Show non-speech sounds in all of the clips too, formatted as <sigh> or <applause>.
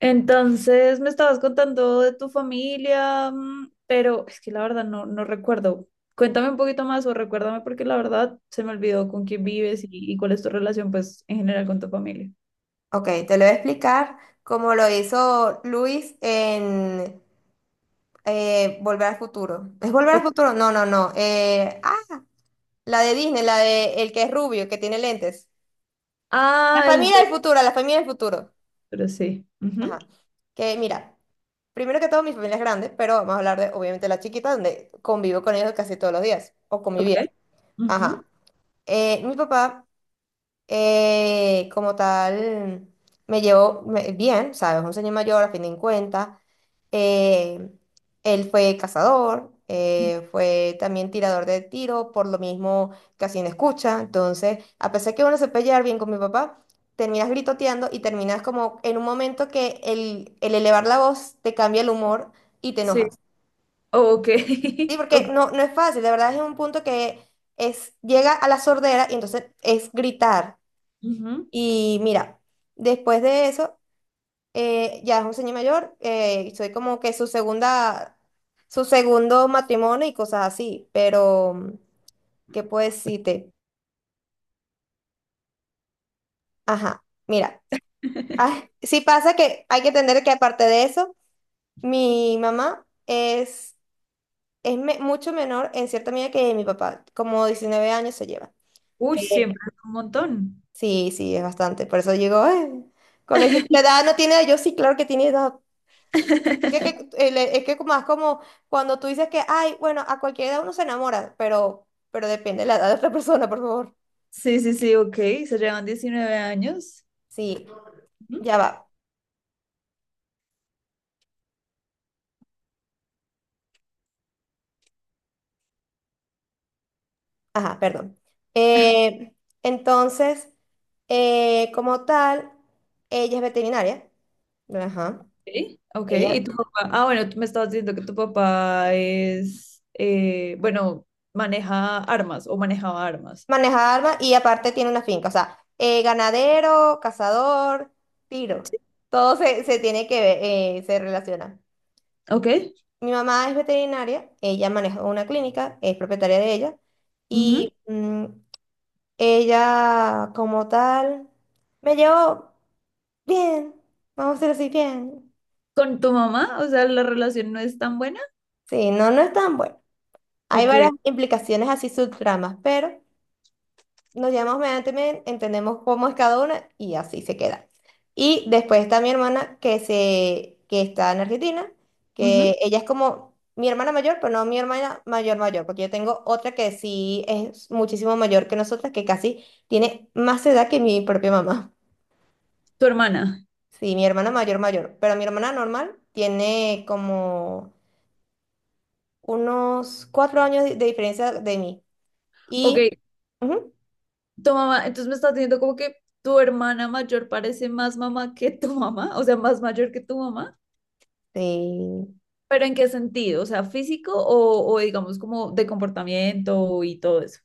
Entonces me estabas contando de tu familia, pero es que la verdad no recuerdo. Cuéntame un poquito más o recuérdame porque la verdad se me olvidó con quién vives y cuál es tu relación pues en general con tu familia. Ok, te lo voy a explicar como lo hizo Luis en Volver al Futuro. ¿Es Volver al Ok. Futuro? No, no, no. La de Disney, la de el que es rubio, que tiene lentes. La Ah, el familia del futuro, la familia del futuro. doctor, sí. Ujú. Ajá. Que mira, primero que todo mi familia es grande, pero vamos a hablar de obviamente la chiquita, donde convivo con ellos casi todos los días, o Ok. convivía. Ajá. Ujú. Mi papá, como tal, me llevo bien, ¿sabes? Un señor mayor, a fin de cuentas. Eh, Él fue cazador, fue también tirador de tiro, por lo mismo casi no escucha. Entonces, a pesar que uno se puede llevar bien con mi papá, terminas gritoteando y terminas como en un momento que el elevar la voz te cambia el humor y te Sí. enojas. Oh, ok. Sí, <laughs> porque Ok. no, no es fácil, de verdad es un punto que es, llega a la sordera y entonces es gritar. Ujú. Y mira, después de eso, ya es un señor mayor, soy como que su segundo matrimonio y cosas así, pero, ¿qué puedo decirte? Ajá, mira, ah, <laughs> <laughs> sí pasa que hay que entender que aparte de eso, mi mamá es mucho menor en cierta medida que mi papá, como 19 años se lleva. Uy, Eh, siempre es un montón. sí, sí, es bastante, por eso digo, "Ay, con esa edad no tiene, yo sí, claro que tiene edad. Es <laughs> que, es que como es como cuando tú dices que, ay, bueno, a cualquier edad uno se enamora, pero depende de la edad de otra <laughs> persona, por favor. Sí, sí, sí, ok. Se llevan 19 años. Sí, ya va. Ajá, perdón. Eh, entonces, como tal, ella es veterinaria. Ajá. Okay, ok. ¿Y Ella tu papá? Ah, bueno, tú me estabas diciendo que tu papá es, bueno, maneja armas o manejaba armas. maneja armas y aparte tiene una finca. O sea, ganadero, cazador, tiro. Todo se tiene que ver, se relaciona. Ok. Mi mamá es veterinaria, ella maneja una clínica, es propietaria de ella, Ujú. y ella como tal me llevó bien, vamos a decir así, bien. ¿Con tu mamá? O sea, la relación no es tan buena. Sí, no, no es tan bueno. Hay Ok. varias implicaciones así subtramas, pero nos llamamos mediante medianamente, entendemos cómo es cada una y así se queda. Y después está mi hermana que está en Argentina, Ujú. que ella es como mi hermana mayor, pero no mi hermana mayor mayor, porque yo tengo otra que sí es muchísimo mayor que nosotras, que casi tiene más edad que mi propia mamá. ¿Tu hermana? Sí, mi hermana mayor mayor, pero mi hermana normal tiene como unos 4 años de diferencia de mí. Ok. Y ujú, ¿Tu mamá? Entonces me estás diciendo como que tu hermana mayor parece más mamá que tu mamá, o sea, más mayor que tu mamá. sí. ¿Pero en qué sentido? O sea, físico o digamos como de comportamiento y todo eso.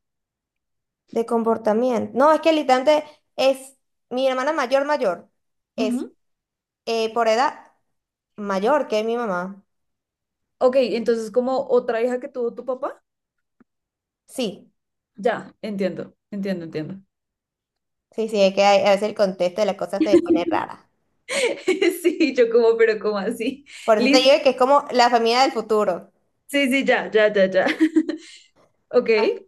De comportamiento. No, es que literalmente es mi hermana mayor mayor. Es, Ujú. Por edad mayor que mi mamá. Ok, entonces como otra hija que tuvo tu papá. Sí, Ya, entiendo, entiendo, entiendo. sí, sí, es que a veces el contexto de las cosas se pone <laughs> rara. Sí, yo como, pero como así. Por eso te Listo. digo que es como la familia del futuro. Sí, sí, ya, ya, ya, ya. <laughs> Ok. Ah,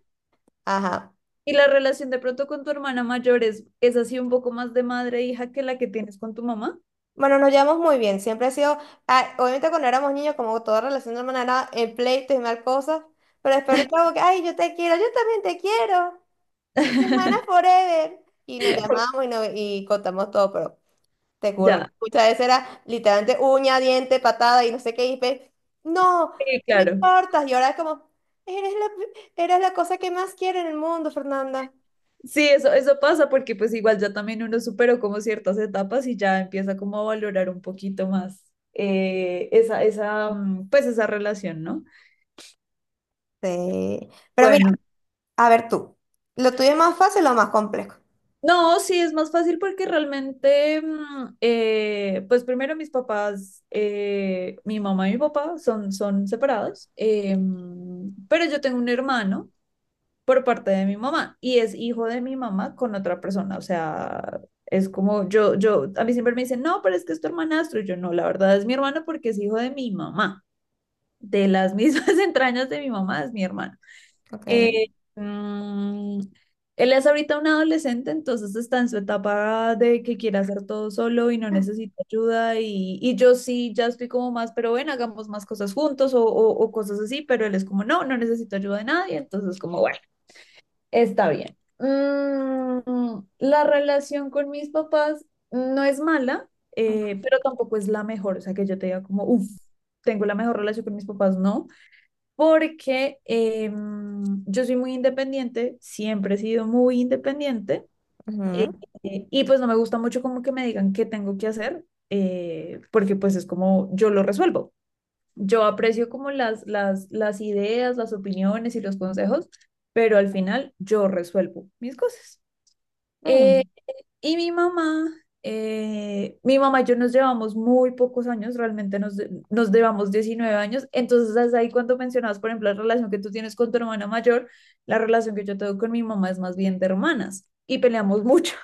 Ajá. ¿Y la relación de pronto con tu hermana mayor es así un poco más de madre e hija que la que tienes con tu mamá? Bueno, nos llevamos muy bien. Siempre ha sido, obviamente cuando éramos niños, como toda relación de hermana era en pleitos y mal cosas, pero después ahorita como que, ay, yo te quiero, yo también te quiero. Mi hermana <laughs> forever. Y nos llamamos y, nos, y contamos todo, pero... Te juro que Ya, muchas veces era literalmente uña, diente, patada y no sé qué. No, sí, no claro. importa. Y ahora es como, eres la cosa que más quiero en el mundo, Fernanda. Sí, eso pasa porque pues igual ya también uno superó como ciertas etapas y ya empieza como a valorar un poquito más pues esa relación, ¿no? Sí. Pero mira, Bueno. a ver tú. ¿Lo tuyo es más fácil o más complejo? No, sí, es más fácil porque realmente, pues primero mis papás, mi mamá y mi papá son separados, pero yo tengo un hermano por parte de mi mamá y es hijo de mi mamá con otra persona, o sea, es como yo, a mí siempre me dicen, no, pero es que es tu hermanastro, y yo no, la verdad es mi hermano porque es hijo de mi mamá, de las mismas <laughs> entrañas de mi mamá es mi hermano. Ok. Eh, mm, él es ahorita un adolescente, entonces está en su etapa de que quiere hacer todo solo y no necesita ayuda. Y yo sí, ya estoy como más, pero bueno hagamos más cosas juntos o cosas así, pero él es como, no, no necesito ayuda de nadie, entonces como, bueno, está bien. La relación con mis papás no es mala, pero tampoco es la mejor, o sea, que yo te diga como, uff, tengo la mejor relación con mis papás, no porque yo soy muy independiente, siempre he sido muy independiente, eh, Ujú. Y pues no me gusta mucho como que me digan qué tengo que hacer, porque pues es como yo lo resuelvo. Yo aprecio como las ideas, las opiniones y los consejos, pero al final yo resuelvo mis cosas. Eh, Mm. y mi mamá, mi mamá y yo nos llevamos muy pocos años, realmente nos llevamos 19 años. Entonces, hasta ahí cuando mencionabas, por ejemplo, la relación que tú tienes con tu hermana mayor, la relación que yo tengo con mi mamá es más bien de hermanas y peleamos <laughs> mucho,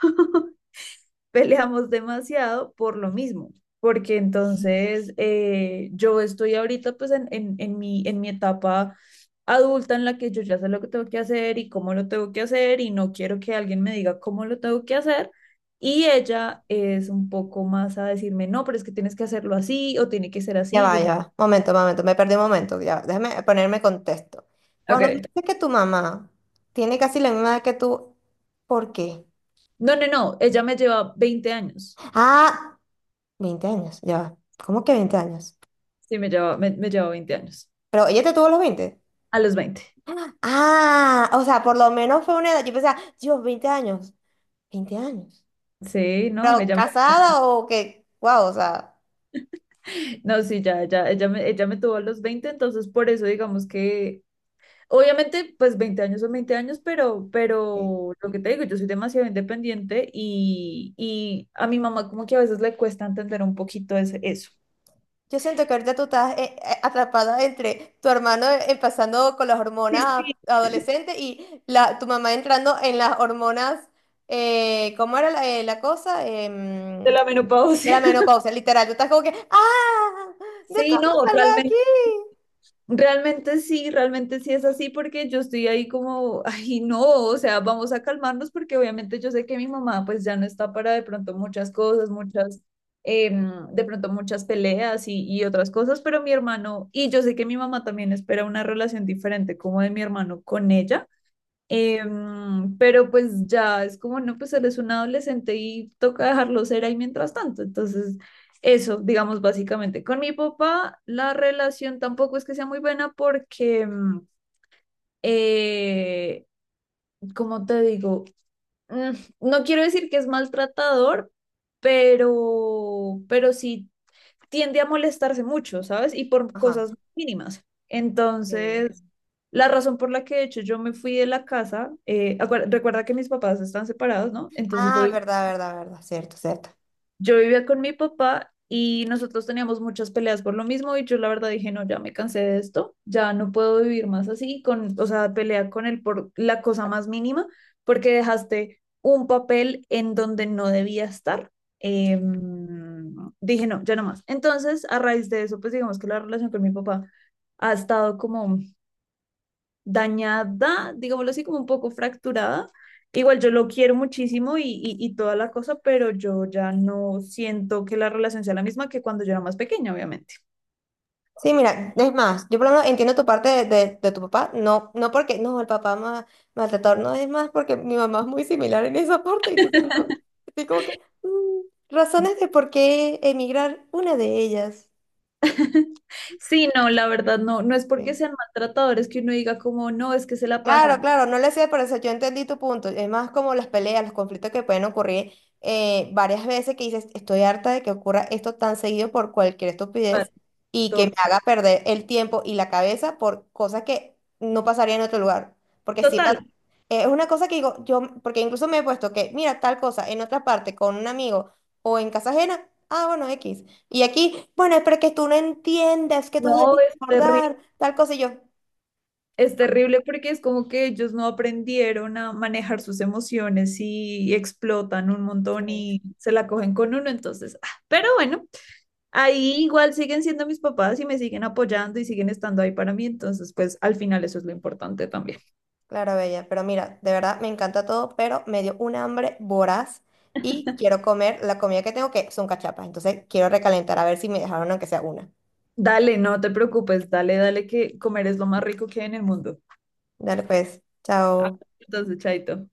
peleamos demasiado por lo mismo, porque entonces, yo estoy ahorita pues en mi etapa adulta en la que yo ya sé lo que tengo que hacer y cómo lo tengo que hacer y no quiero que alguien me diga cómo lo tengo que hacer. Y ella es un poco más a decirme, no, pero es que tienes que hacerlo así o tiene que ser Ya así. va, Yo sí, ya va. Momento, momento. Me perdí un momento. Ya va. Déjame ponerme contexto. Cuando ok. dices que tu mamá tiene casi la misma edad que tú, ¿por qué? No, no, no, ella me lleva 20 años. Ah, 20 años. Ya va. ¿Cómo que 20 años? Sí, me lleva 20 años. Pero ella te tuvo a los 20. A los 20. <gasps> Ah, o sea, por lo menos fue una edad. Yo pensaba, Dios, 20 años. 20 años. Sí, no, Pero ella me casada o que, wow, o sea. No, sí, ya, ya, ella me tuvo a los 20, entonces por eso digamos que, obviamente, pues 20 años son 20 años, pero, eh, pero lo que te digo, yo soy demasiado independiente y a mi mamá como que a veces le cuesta entender un poquito eso. Yo siento que ahorita tú estás atrapada entre tu hermano, empezando con las Sí, hormonas sí, adolescentes, y tu mamá entrando en las hormonas, ¿cómo era la cosa? de la De la menopausia. <laughs> menopausia, literal. Tú estás como que, ¡ah! ¿De Sí, cómo no, salgo de aquí? realmente. Realmente sí es así porque yo estoy ahí como, ay no, o sea, vamos a calmarnos porque obviamente yo sé que mi mamá pues ya no está para de pronto muchas cosas, de pronto muchas peleas y otras cosas, pero mi hermano, y yo sé que mi mamá también espera una relación diferente como de mi hermano con ella. Pero pues ya es como, no, pues eres un adolescente y toca dejarlo ser ahí mientras tanto. Entonces, eso, digamos, básicamente. Con mi papá, la relación tampoco es que sea muy buena porque, eh, como te digo, Mm, no quiero decir que es maltratador, pero sí tiende a molestarse mucho, ¿sabes? Y por Ajá. cosas mínimas. Sí. Entonces, la razón por la que de hecho yo me fui de la casa, recuerda que mis papás están separados, ¿no? Entonces Ah, verdad, verdad, verdad. Cierto, cierto. yo vivía con mi papá y nosotros teníamos muchas peleas por lo mismo y yo la verdad dije, no, ya me cansé de esto, ya no puedo vivir más así, o sea, pelea con él por la cosa más mínima, porque dejaste un papel en donde no debía estar. Em, dije, no, ya no más. Entonces, a raíz de eso, pues digamos que la relación con mi papá ha estado como dañada, digámoslo así, como un poco fracturada. Igual yo lo quiero muchísimo y toda la cosa, pero yo ya no siento que la relación sea la misma que cuando yo era más pequeña, obviamente. Sí, mira, es más, yo por lo menos entiendo tu parte de tu papá, no, no porque, no, el papá más maltratador, no, es más porque mi mamá es muy similar en esa parte, entonces no, estoy como que, mm, razones de por qué emigrar, una de ellas. <laughs> Sí, no, la verdad no, no es porque Sí. sean maltratadores que uno diga como, no, es que se la Claro, pasan. claro, no le sé, pero eso yo entendí tu punto. Es más como las peleas, los conflictos que pueden ocurrir, varias veces, que dices, estoy harta de que ocurra esto tan seguido por cualquier Mal. estupidez y que me Total, haga perder el tiempo y la cabeza por cosas que no pasaría en otro lugar. Porque sí, total, es una cosa que digo, yo, porque incluso me he puesto que, mira, tal cosa en otra parte con un amigo o en casa ajena, ah, bueno, X. Y aquí, bueno, pero que tú no entiendes, que tú no, debes recordar tal cosa y yo. es terrible porque es como que ellos no aprendieron a manejar sus emociones y explotan un montón "Sí". y se la cogen con uno, entonces, ah, pero bueno. Ahí igual siguen siendo mis papás y me siguen apoyando y siguen estando ahí para mí, entonces pues al final eso es lo importante también. Claro, Bella, pero mira, de verdad me encanta todo, pero me dio un hambre voraz y quiero comer la comida que tengo, que son cachapas. Entonces quiero recalentar a ver si me dejaron aunque sea una. Dale, no te preocupes, dale, dale que comer es lo más rico que hay en el mundo. Dale pues, Ah, chao. entonces, chaito.